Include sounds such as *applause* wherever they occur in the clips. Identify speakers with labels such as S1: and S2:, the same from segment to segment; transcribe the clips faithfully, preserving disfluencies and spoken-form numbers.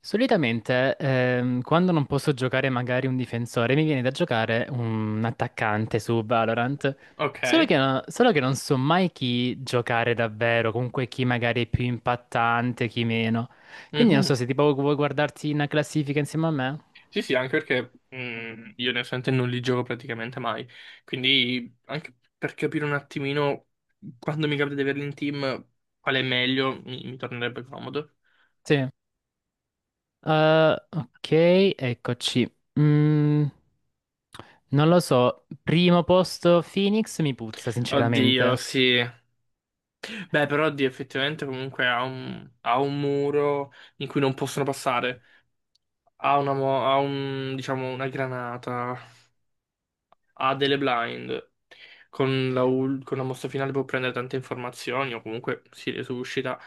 S1: Solitamente, ehm, quando non posso giocare magari un difensore, mi viene da giocare un attaccante su Valorant. Solo
S2: Ok.
S1: che, no- solo che non so mai chi giocare davvero, comunque chi magari è più impattante, chi meno. Quindi non so
S2: Mhm.
S1: se tipo vuoi guardarti una classifica insieme a me.
S2: Sì, sì, anche perché mh, io onestamente non li gioco praticamente mai, quindi anche per capire un attimino quando mi capita di averli in team, qual è meglio, mi, mi tornerebbe comodo.
S1: Sì. Eh, ok, eccoci. Mm, Non lo so, primo posto Phoenix mi puzza,
S2: Oddio,
S1: sinceramente.
S2: sì. Beh, però oddio, effettivamente comunque ha un, ha un muro in cui non possono passare, ha una, mo- ha un, diciamo, una granata, ha delle blind. Con la, ul- con la mossa finale può prendere tante informazioni o comunque si resuscita.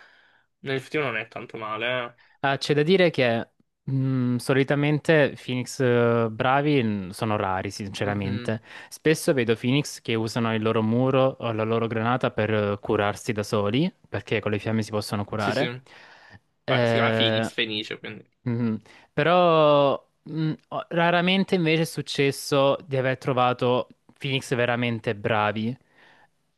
S2: Nell'effettivo non è tanto male,
S1: Ah, c'è da dire che mh, solitamente Phoenix eh, bravi mh, sono rari,
S2: eh. Mhm.
S1: sinceramente. Spesso vedo Phoenix che usano il loro muro o la loro granata per eh, curarsi da soli, perché con le fiamme si possono
S2: Sì, sì.
S1: curare.
S2: Vabbè, si chiama Phoenix,
S1: Eh,
S2: Fenice, quindi.
S1: mhm. Però mh, ho- raramente invece è successo di aver trovato Phoenix veramente bravi.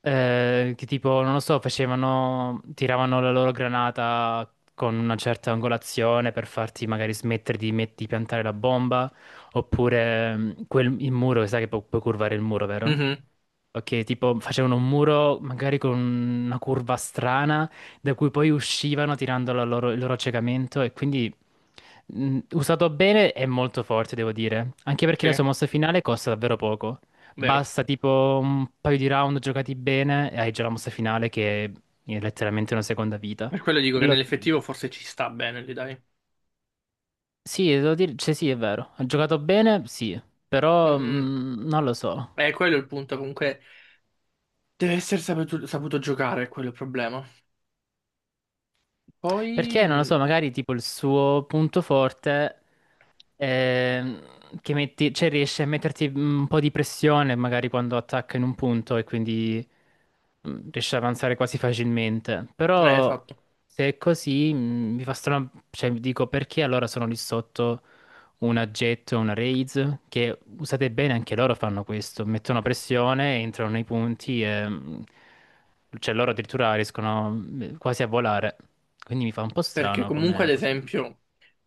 S1: Eh, che tipo, non lo so, facevano, tiravano la loro granata con una certa angolazione per farti magari smettere di, met- di piantare la bomba. Oppure mh, quel- il muro, sai che pu- puoi curvare il muro, vero?
S2: Mhm.
S1: Ok, tipo facevano un muro magari con una curva strana da cui poi uscivano tirando la loro- il loro accecamento e quindi. Mm, Usato bene è molto forte, devo dire. Anche perché
S2: Sì,
S1: la sua mossa finale costa davvero poco.
S2: vero.
S1: Basta tipo un paio di round giocati bene e hai già la mossa finale che è letteralmente una seconda vita.
S2: Per quello dico che
S1: Quello sì.
S2: nell'effettivo forse ci sta bene lì, dai.
S1: Sì, devo dire, cioè sì, è vero. Ha giocato bene, sì, però
S2: Mhm.
S1: mm, non lo so.
S2: Eh, quello è il punto, comunque deve essere saputo, saputo giocare, è quello il problema. Poi...
S1: Perché non lo
S2: mh,
S1: so, magari tipo il suo punto forte ehm, che metti, cioè riesce a metterti un po' di pressione magari quando attacca in un punto e quindi mm, riesce ad avanzare quasi facilmente.
S2: eh,
S1: Però
S2: esatto.
S1: se è così mm, mi fa strano, cioè mi dico perché allora sono lì sotto una Jet o una Raise, che usate bene anche loro fanno questo, mettono pressione, entrano nei punti e mm, cioè loro addirittura riescono mm, quasi a volare. Quindi mi fa un po'
S2: Perché
S1: strano
S2: comunque,
S1: come
S2: ad
S1: pos-
S2: esempio,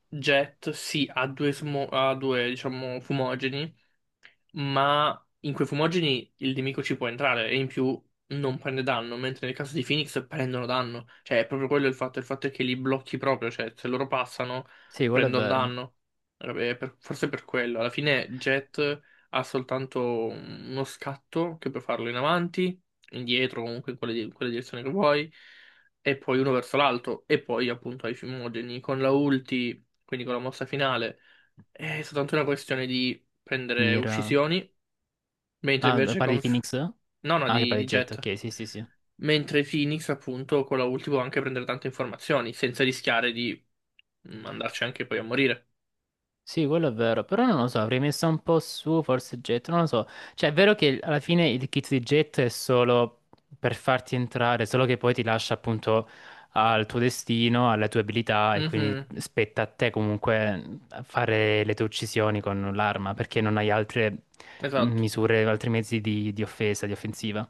S2: Jet, sì, ha due, smo- ha due, diciamo, fumogeni, ma in quei fumogeni il nemico ci può entrare e in più non prende danno, mentre nel caso di Phoenix prendono danno. Cioè, è proprio quello il fatto, il fatto è che li blocchi proprio, cioè se loro passano
S1: Sì, quello è
S2: prendono
S1: vero.
S2: danno. Vabbè, per- forse per quello. Alla fine Jet ha soltanto uno scatto che puoi farlo in avanti, indietro, comunque in quale, di- in quella direzione che vuoi, e poi uno verso l'alto, e poi appunto ai fumogeni con la ulti, quindi con la mossa finale. È soltanto una questione di prendere
S1: Mira.
S2: uccisioni, mentre
S1: Ah, eh,
S2: invece
S1: parli
S2: con...
S1: di
S2: F-
S1: Phoenix?
S2: no, no,
S1: Ah, che
S2: di,
S1: parli
S2: di
S1: di Jet,
S2: Jet.
S1: ok, sì, sì, sì.
S2: Mentre Phoenix, appunto, con la ulti può anche prendere tante informazioni, senza rischiare di mm, andarci anche poi a morire.
S1: Sì, quello è vero, però non lo so, avrei messo un po' su, forse Jet, non lo so. Cioè, è vero che alla fine il kit di Jet è solo per farti entrare, solo che poi ti lascia appunto al tuo destino, alle tue abilità e quindi
S2: Mhm,
S1: spetta a te comunque fare le tue uccisioni con l'arma, perché non hai altre
S2: esatto.
S1: misure, altri mezzi di, di offesa, di offensiva.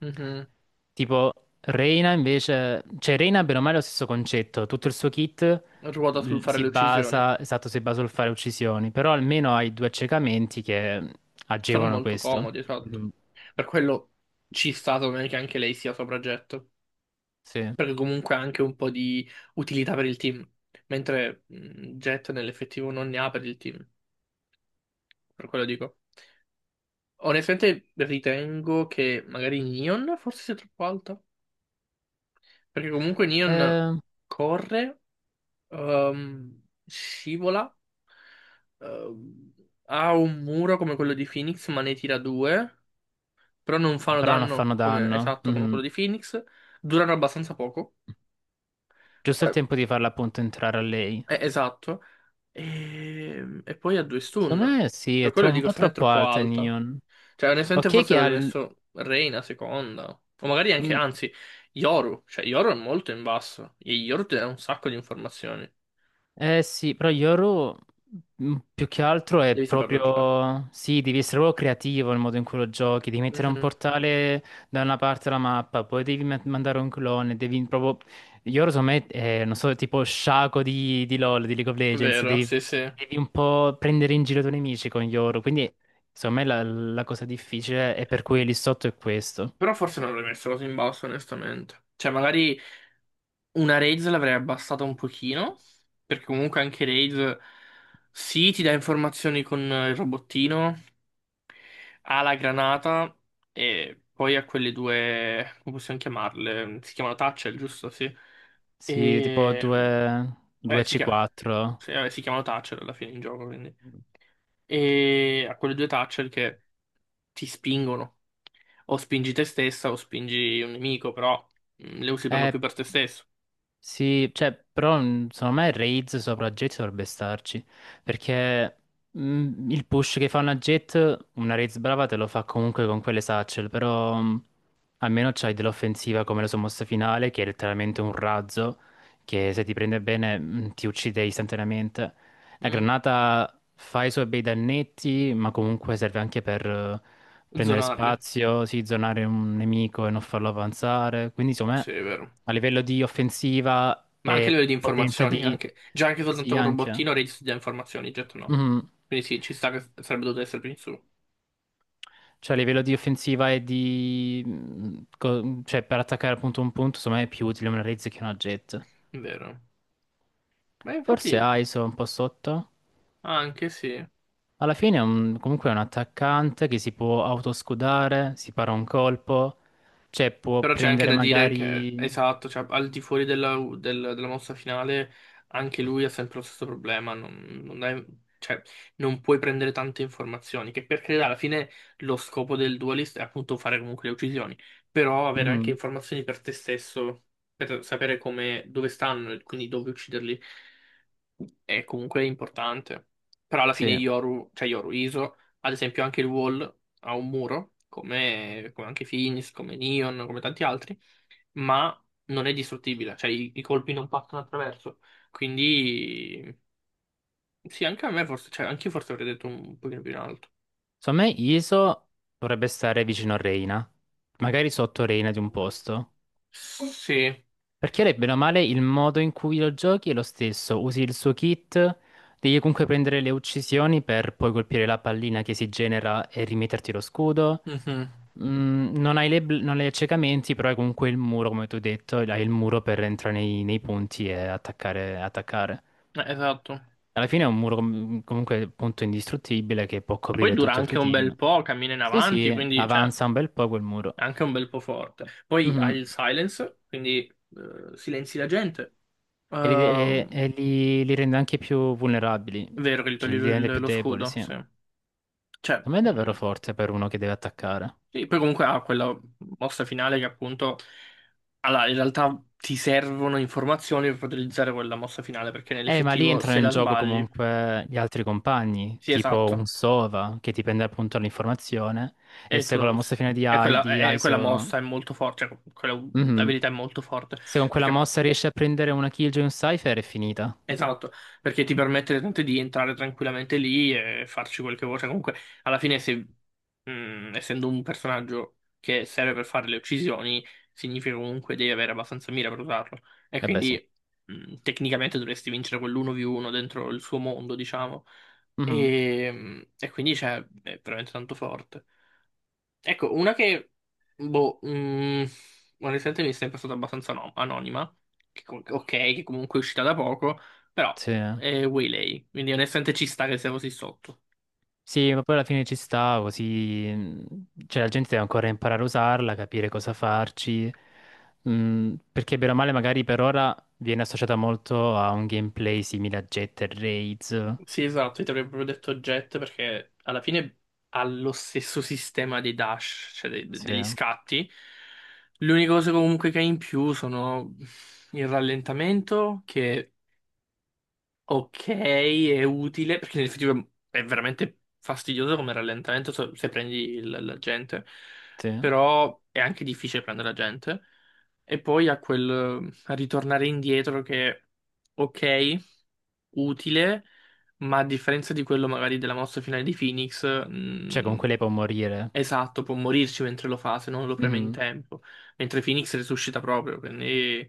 S2: Mhm.
S1: Tipo, Reina invece, cioè Reina bene o male è lo stesso concetto, tutto il suo kit
S2: Ruota sul
S1: l-
S2: fare
S1: si
S2: le uccisioni.
S1: basa, esatto, si basa sul fare uccisioni, però almeno hai due accecamenti che
S2: Sono
S1: agevolano
S2: molto
S1: questo.
S2: comodi, esatto. Per quello ci sta secondo me che anche lei sia sopra Jet,
S1: Sì.
S2: perché comunque ha anche un po' di utilità per il team, mentre mm, Jet nell'effettivo non ne ha per il team, per quello dico. Onestamente ritengo che magari Neon forse sia troppo alta, perché comunque Neon
S1: Ehm,
S2: corre, ehm, scivola, ehm, ha un muro come quello di Phoenix, ma ne tira due, però non
S1: Eh,
S2: fanno
S1: però non
S2: danno
S1: fanno
S2: come,
S1: danno.
S2: esatto come
S1: Mhm.
S2: quello di Phoenix, durano abbastanza poco,
S1: Giusto il
S2: Eh,
S1: tempo di farla appunto entrare a lei.
S2: eh, esatto, e, e poi ha due
S1: Secondo
S2: stun,
S1: me sì,
S2: per
S1: è tro-
S2: quello
S1: un
S2: dico
S1: po'
S2: secondo me è
S1: troppo
S2: troppo
S1: alta
S2: alta.
S1: Neon.
S2: Cioè, onestamente
S1: Ok
S2: forse
S1: che ha
S2: avrei
S1: il
S2: messo Reina seconda. O magari anche,
S1: mm,
S2: anzi, Yoru. Cioè, Yoru è molto in basso. E Yoru ti dà un sacco di informazioni.
S1: Eh sì, però Yoru mm, più che altro è
S2: Devi saperlo giocare.
S1: proprio. Sì, devi essere proprio creativo nel modo in cui lo giochi, devi mettere un
S2: Mhm.
S1: portale da una parte della mappa, poi devi ma- mandare un clone, devi proprio. Yoru secondo me è, non so, tipo sciaco di, di LoL, di League of
S2: È
S1: Legends,
S2: vero,
S1: devi,
S2: sì, sì.
S1: devi un po' prendere in giro i tuoi nemici con Yoru, quindi secondo me la, la cosa difficile è per cui lì sotto è questo.
S2: Però forse non l'avrei messo così in basso, onestamente. Cioè, magari una Raze l'avrei abbassata un pochino. Perché comunque anche Raze, sì, ti dà informazioni con il robottino. Ha la granata e poi ha quelle due, come possiamo chiamarle? Si chiamano Thatcher, giusto? Sì.
S1: Sì, tipo
S2: E...
S1: due
S2: eh, si chiama...
S1: due C quattro.
S2: sì, vabbè, si chiamano Thatcher alla fine in gioco, quindi. E ha quelle due Thatcher che ti spingono. O spingi te stessa o spingi un nemico, però mm, le usi per lo più per te stesso.
S1: Sì, cioè, però mh, secondo me Raids sopra Jet dovrebbe starci, perché mh, il push che fa una Jet, una Raids brava te lo fa comunque con quelle satchel, però mh, almeno c'hai dell'offensiva come la sua mossa finale, che è letteralmente un razzo, che se ti prende bene mh, ti uccide istantaneamente. La
S2: Mm.
S1: granata fa i suoi bei dannetti, ma comunque serve anche per eh, prendere
S2: Zonarle.
S1: spazio, sì, zonare un nemico e non farlo avanzare. Quindi, insomma,
S2: Sì, è vero.
S1: a livello di offensiva
S2: Ma anche
S1: e
S2: le di
S1: potenza
S2: informazioni,
S1: di.
S2: anche... Già anche soltanto
S1: Sì,
S2: con
S1: anche.
S2: robottino registri già informazioni, jet no.
S1: Mhm.
S2: Quindi sì, ci sta che sarebbe dovuto essere più in su.
S1: Cioè, a livello di offensiva e di mh, co- cioè, per attaccare appunto un punto, insomma, è più utile una Raze che una Jet.
S2: Vero. Beh,
S1: Forse
S2: infatti,
S1: ISO è un po' sotto.
S2: anche sì.
S1: Alla fine è un- comunque è un attaccante che si può autoscudare, si para un colpo, cioè può
S2: Però c'è anche
S1: prendere
S2: da dire che,
S1: magari.
S2: esatto, cioè, al di fuori della, del- della mossa finale, anche lui ha sempre lo stesso problema. Non, non è- cioè, non puoi prendere tante informazioni. Che per carità, alla fine lo scopo del dualist è appunto fare comunque le uccisioni. Però avere anche
S1: Mhm,
S2: informazioni per te stesso, per sapere come, dove stanno, e quindi dove ucciderli. È comunque importante. Però alla fine
S1: sì.
S2: Yoru, cioè Yoru Iso, ad esempio anche il Wall ha un muro, come, come anche Finis, come Neon, come tanti altri, ma non è distruttibile, cioè i, i colpi non passano attraverso. Quindi sì, anche a me forse, cioè anche io forse avrei detto un pochino più in alto.
S1: Secondo me Iso dovrebbe stare vicino a Reina, magari sotto Reina di un posto.
S2: Sì,
S1: Perché lei, bene o male, il modo in cui lo giochi è lo stesso. Usi il suo kit, devi comunque prendere le uccisioni per poi colpire la pallina che si genera e rimetterti lo scudo.
S2: mhm,
S1: Mm, non hai le bl- non hai accecamenti, però hai comunque il muro, come tu hai detto, hai il muro per entrare nei, nei punti e attaccare, attaccare.
S2: eh, esatto.
S1: Alla fine è un muro com- comunque appunto indistruttibile che può
S2: Poi
S1: coprire
S2: dura
S1: tutto il tuo
S2: anche un
S1: team.
S2: bel po', cammina in
S1: Sì,
S2: avanti,
S1: sì,
S2: quindi cioè,
S1: avanza un bel po' quel muro.
S2: è anche un bel po' forte. Poi hai
S1: Mhm.
S2: il silence, quindi eh, silenzi la gente.
S1: E li, e-
S2: Ehm,
S1: e li- li rende anche più vulnerabili,
S2: è vero che gli
S1: cioè
S2: toglie
S1: li rende
S2: il-
S1: più
S2: lo
S1: deboli,
S2: scudo,
S1: sì.
S2: sì.
S1: A
S2: Cioè,
S1: me è davvero
S2: mm,
S1: forte per uno che deve attaccare.
S2: sì, poi comunque ha quella mossa finale che appunto... Allora, in realtà ti servono informazioni per poter utilizzare quella mossa finale, perché
S1: Eh, ma lì
S2: nell'effettivo
S1: entrano
S2: se
S1: in
S2: la
S1: gioco
S2: sbagli...
S1: comunque gli altri compagni,
S2: Sì,
S1: tipo un
S2: esatto.
S1: Sova che ti prende appunto l'informazione e
S2: E tu
S1: se
S2: la
S1: con la
S2: usi.
S1: mossa finale di,
S2: E
S1: I-
S2: quella,
S1: di
S2: e- e quella
S1: ISO.
S2: mossa è molto forte, cioè quella
S1: Mhm.
S2: abilità è molto forte,
S1: Se con quella
S2: perché
S1: mossa riesci a prendere una kill giù in un Cypher è finita.
S2: esatto, perché ti permette tanto di entrare tranquillamente lì e farci quel che vuoi. Cioè, comunque, alla fine, se, mh, essendo un personaggio che serve per fare le uccisioni, significa comunque devi avere abbastanza mira per usarlo. E
S1: Eh beh, sì.
S2: quindi, mh, tecnicamente dovresti vincere quell'uno vu uno dentro il suo mondo, diciamo.
S1: Mhm.
S2: E, e quindi, cioè, è veramente tanto forte. Ecco, una che, boh, mm, onestamente mi è sempre stata abbastanza no- anonima, che com- ok, che comunque è uscita da poco, però
S1: Sì.
S2: è Waylay, quindi onestamente ci sta che sia così sotto.
S1: Sì, ma poi alla fine ci sta, così. Mh, Cioè, la gente deve ancora imparare a usarla, capire cosa farci. Mm, perché bene o male, magari per ora viene associata molto a un gameplay simile a Jet e Raids.
S2: Sì, esatto, io ti avrei proprio detto Jet perché alla fine ha lo stesso sistema dei dash, cioè de- de-
S1: Sì,
S2: degli scatti. L'unica cosa comunque che ha in più sono il rallentamento, che ok, è utile perché nell'effettivo è veramente fastidioso come rallentamento se se prendi il- la gente,
S1: sì.
S2: però è anche difficile prendere la gente. E poi a quel a ritornare indietro che, ok, utile, ma a differenza di quello magari della mossa finale di Phoenix,
S1: Cioè,
S2: mh,
S1: comunque lei può morire.
S2: esatto, può morirci mentre lo fa se non lo preme in
S1: Mhm.
S2: tempo, mentre Phoenix resuscita proprio, quindi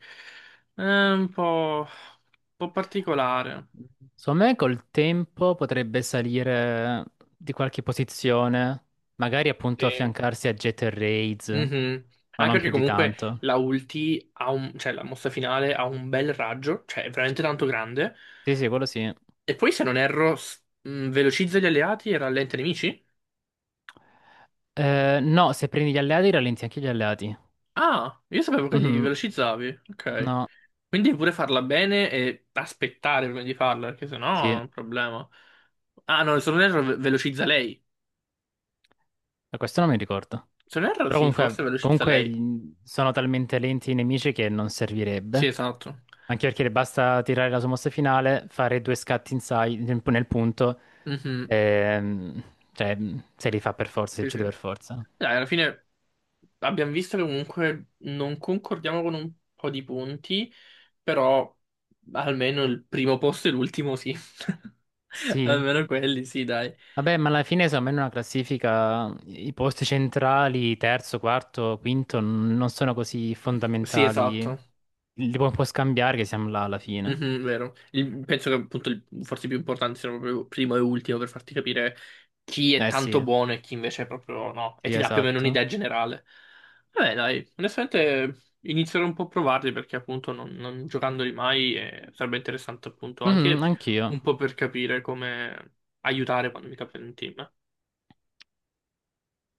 S2: è un po', un po' particolare.
S1: Secondo me col tempo potrebbe salire di qualche posizione, magari appunto
S2: Sì.
S1: affiancarsi a Jet e Raids,
S2: Mhm.
S1: ma
S2: Anche
S1: non più
S2: perché
S1: di
S2: comunque
S1: tanto.
S2: la ulti ha un, cioè la mossa finale ha un bel raggio, cioè è veramente tanto grande.
S1: Sì, sì, quello sì.
S2: E poi se non erro, s- mh, velocizza gli alleati e rallenta i nemici?
S1: Eh, no, se prendi gli alleati rallenti anche gli alleati.
S2: Ah, io sapevo che li
S1: Mhm.
S2: velocizzavi. Ok.
S1: No,
S2: Quindi pure farla bene e aspettare prima di farla, perché sennò
S1: sì,
S2: è un problema. Ah no, se non erro ve- velocizza lei.
S1: Eh, questo non mi ricordo.
S2: Se non erro
S1: Però
S2: sì,
S1: comunque,
S2: forse velocizza
S1: comunque
S2: lei.
S1: gli- sono talmente lenti i nemici che non
S2: Sì,
S1: servirebbe.
S2: esatto.
S1: Anche perché le basta tirare la sua mossa finale, fare due scatti in sai- nel nel punto,
S2: Mhm.
S1: ehm, cioè se li fa per forza, se li
S2: Sì,
S1: uccide
S2: sì.
S1: per forza.
S2: Dai, alla fine abbiamo visto che comunque non concordiamo con un po' di punti, però almeno il primo posto e l'ultimo sì. *laughs*
S1: Sì,
S2: Almeno quelli, sì, dai.
S1: vabbè, ma alla fine secondo me in una classifica i posti centrali, terzo, quarto, quinto, n- non sono così
S2: Sì,
S1: fondamentali.
S2: esatto.
S1: Li pu- puoi scambiare che siamo là alla fine.
S2: Mhm, vero. Il- penso che appunto il- forse i più importanti siano proprio primo e ultimo per farti capire chi è
S1: Eh sì,
S2: tanto buono e chi invece è proprio no, e
S1: sì,
S2: ti dà più o meno
S1: esatto.
S2: un'idea generale. Vabbè, dai, onestamente inizierò un po' a provarli perché appunto non, non giocandoli mai eh, sarebbe interessante appunto
S1: Mhm,
S2: anche
S1: anch'io.
S2: un po' per capire come aiutare quando mi capita in team.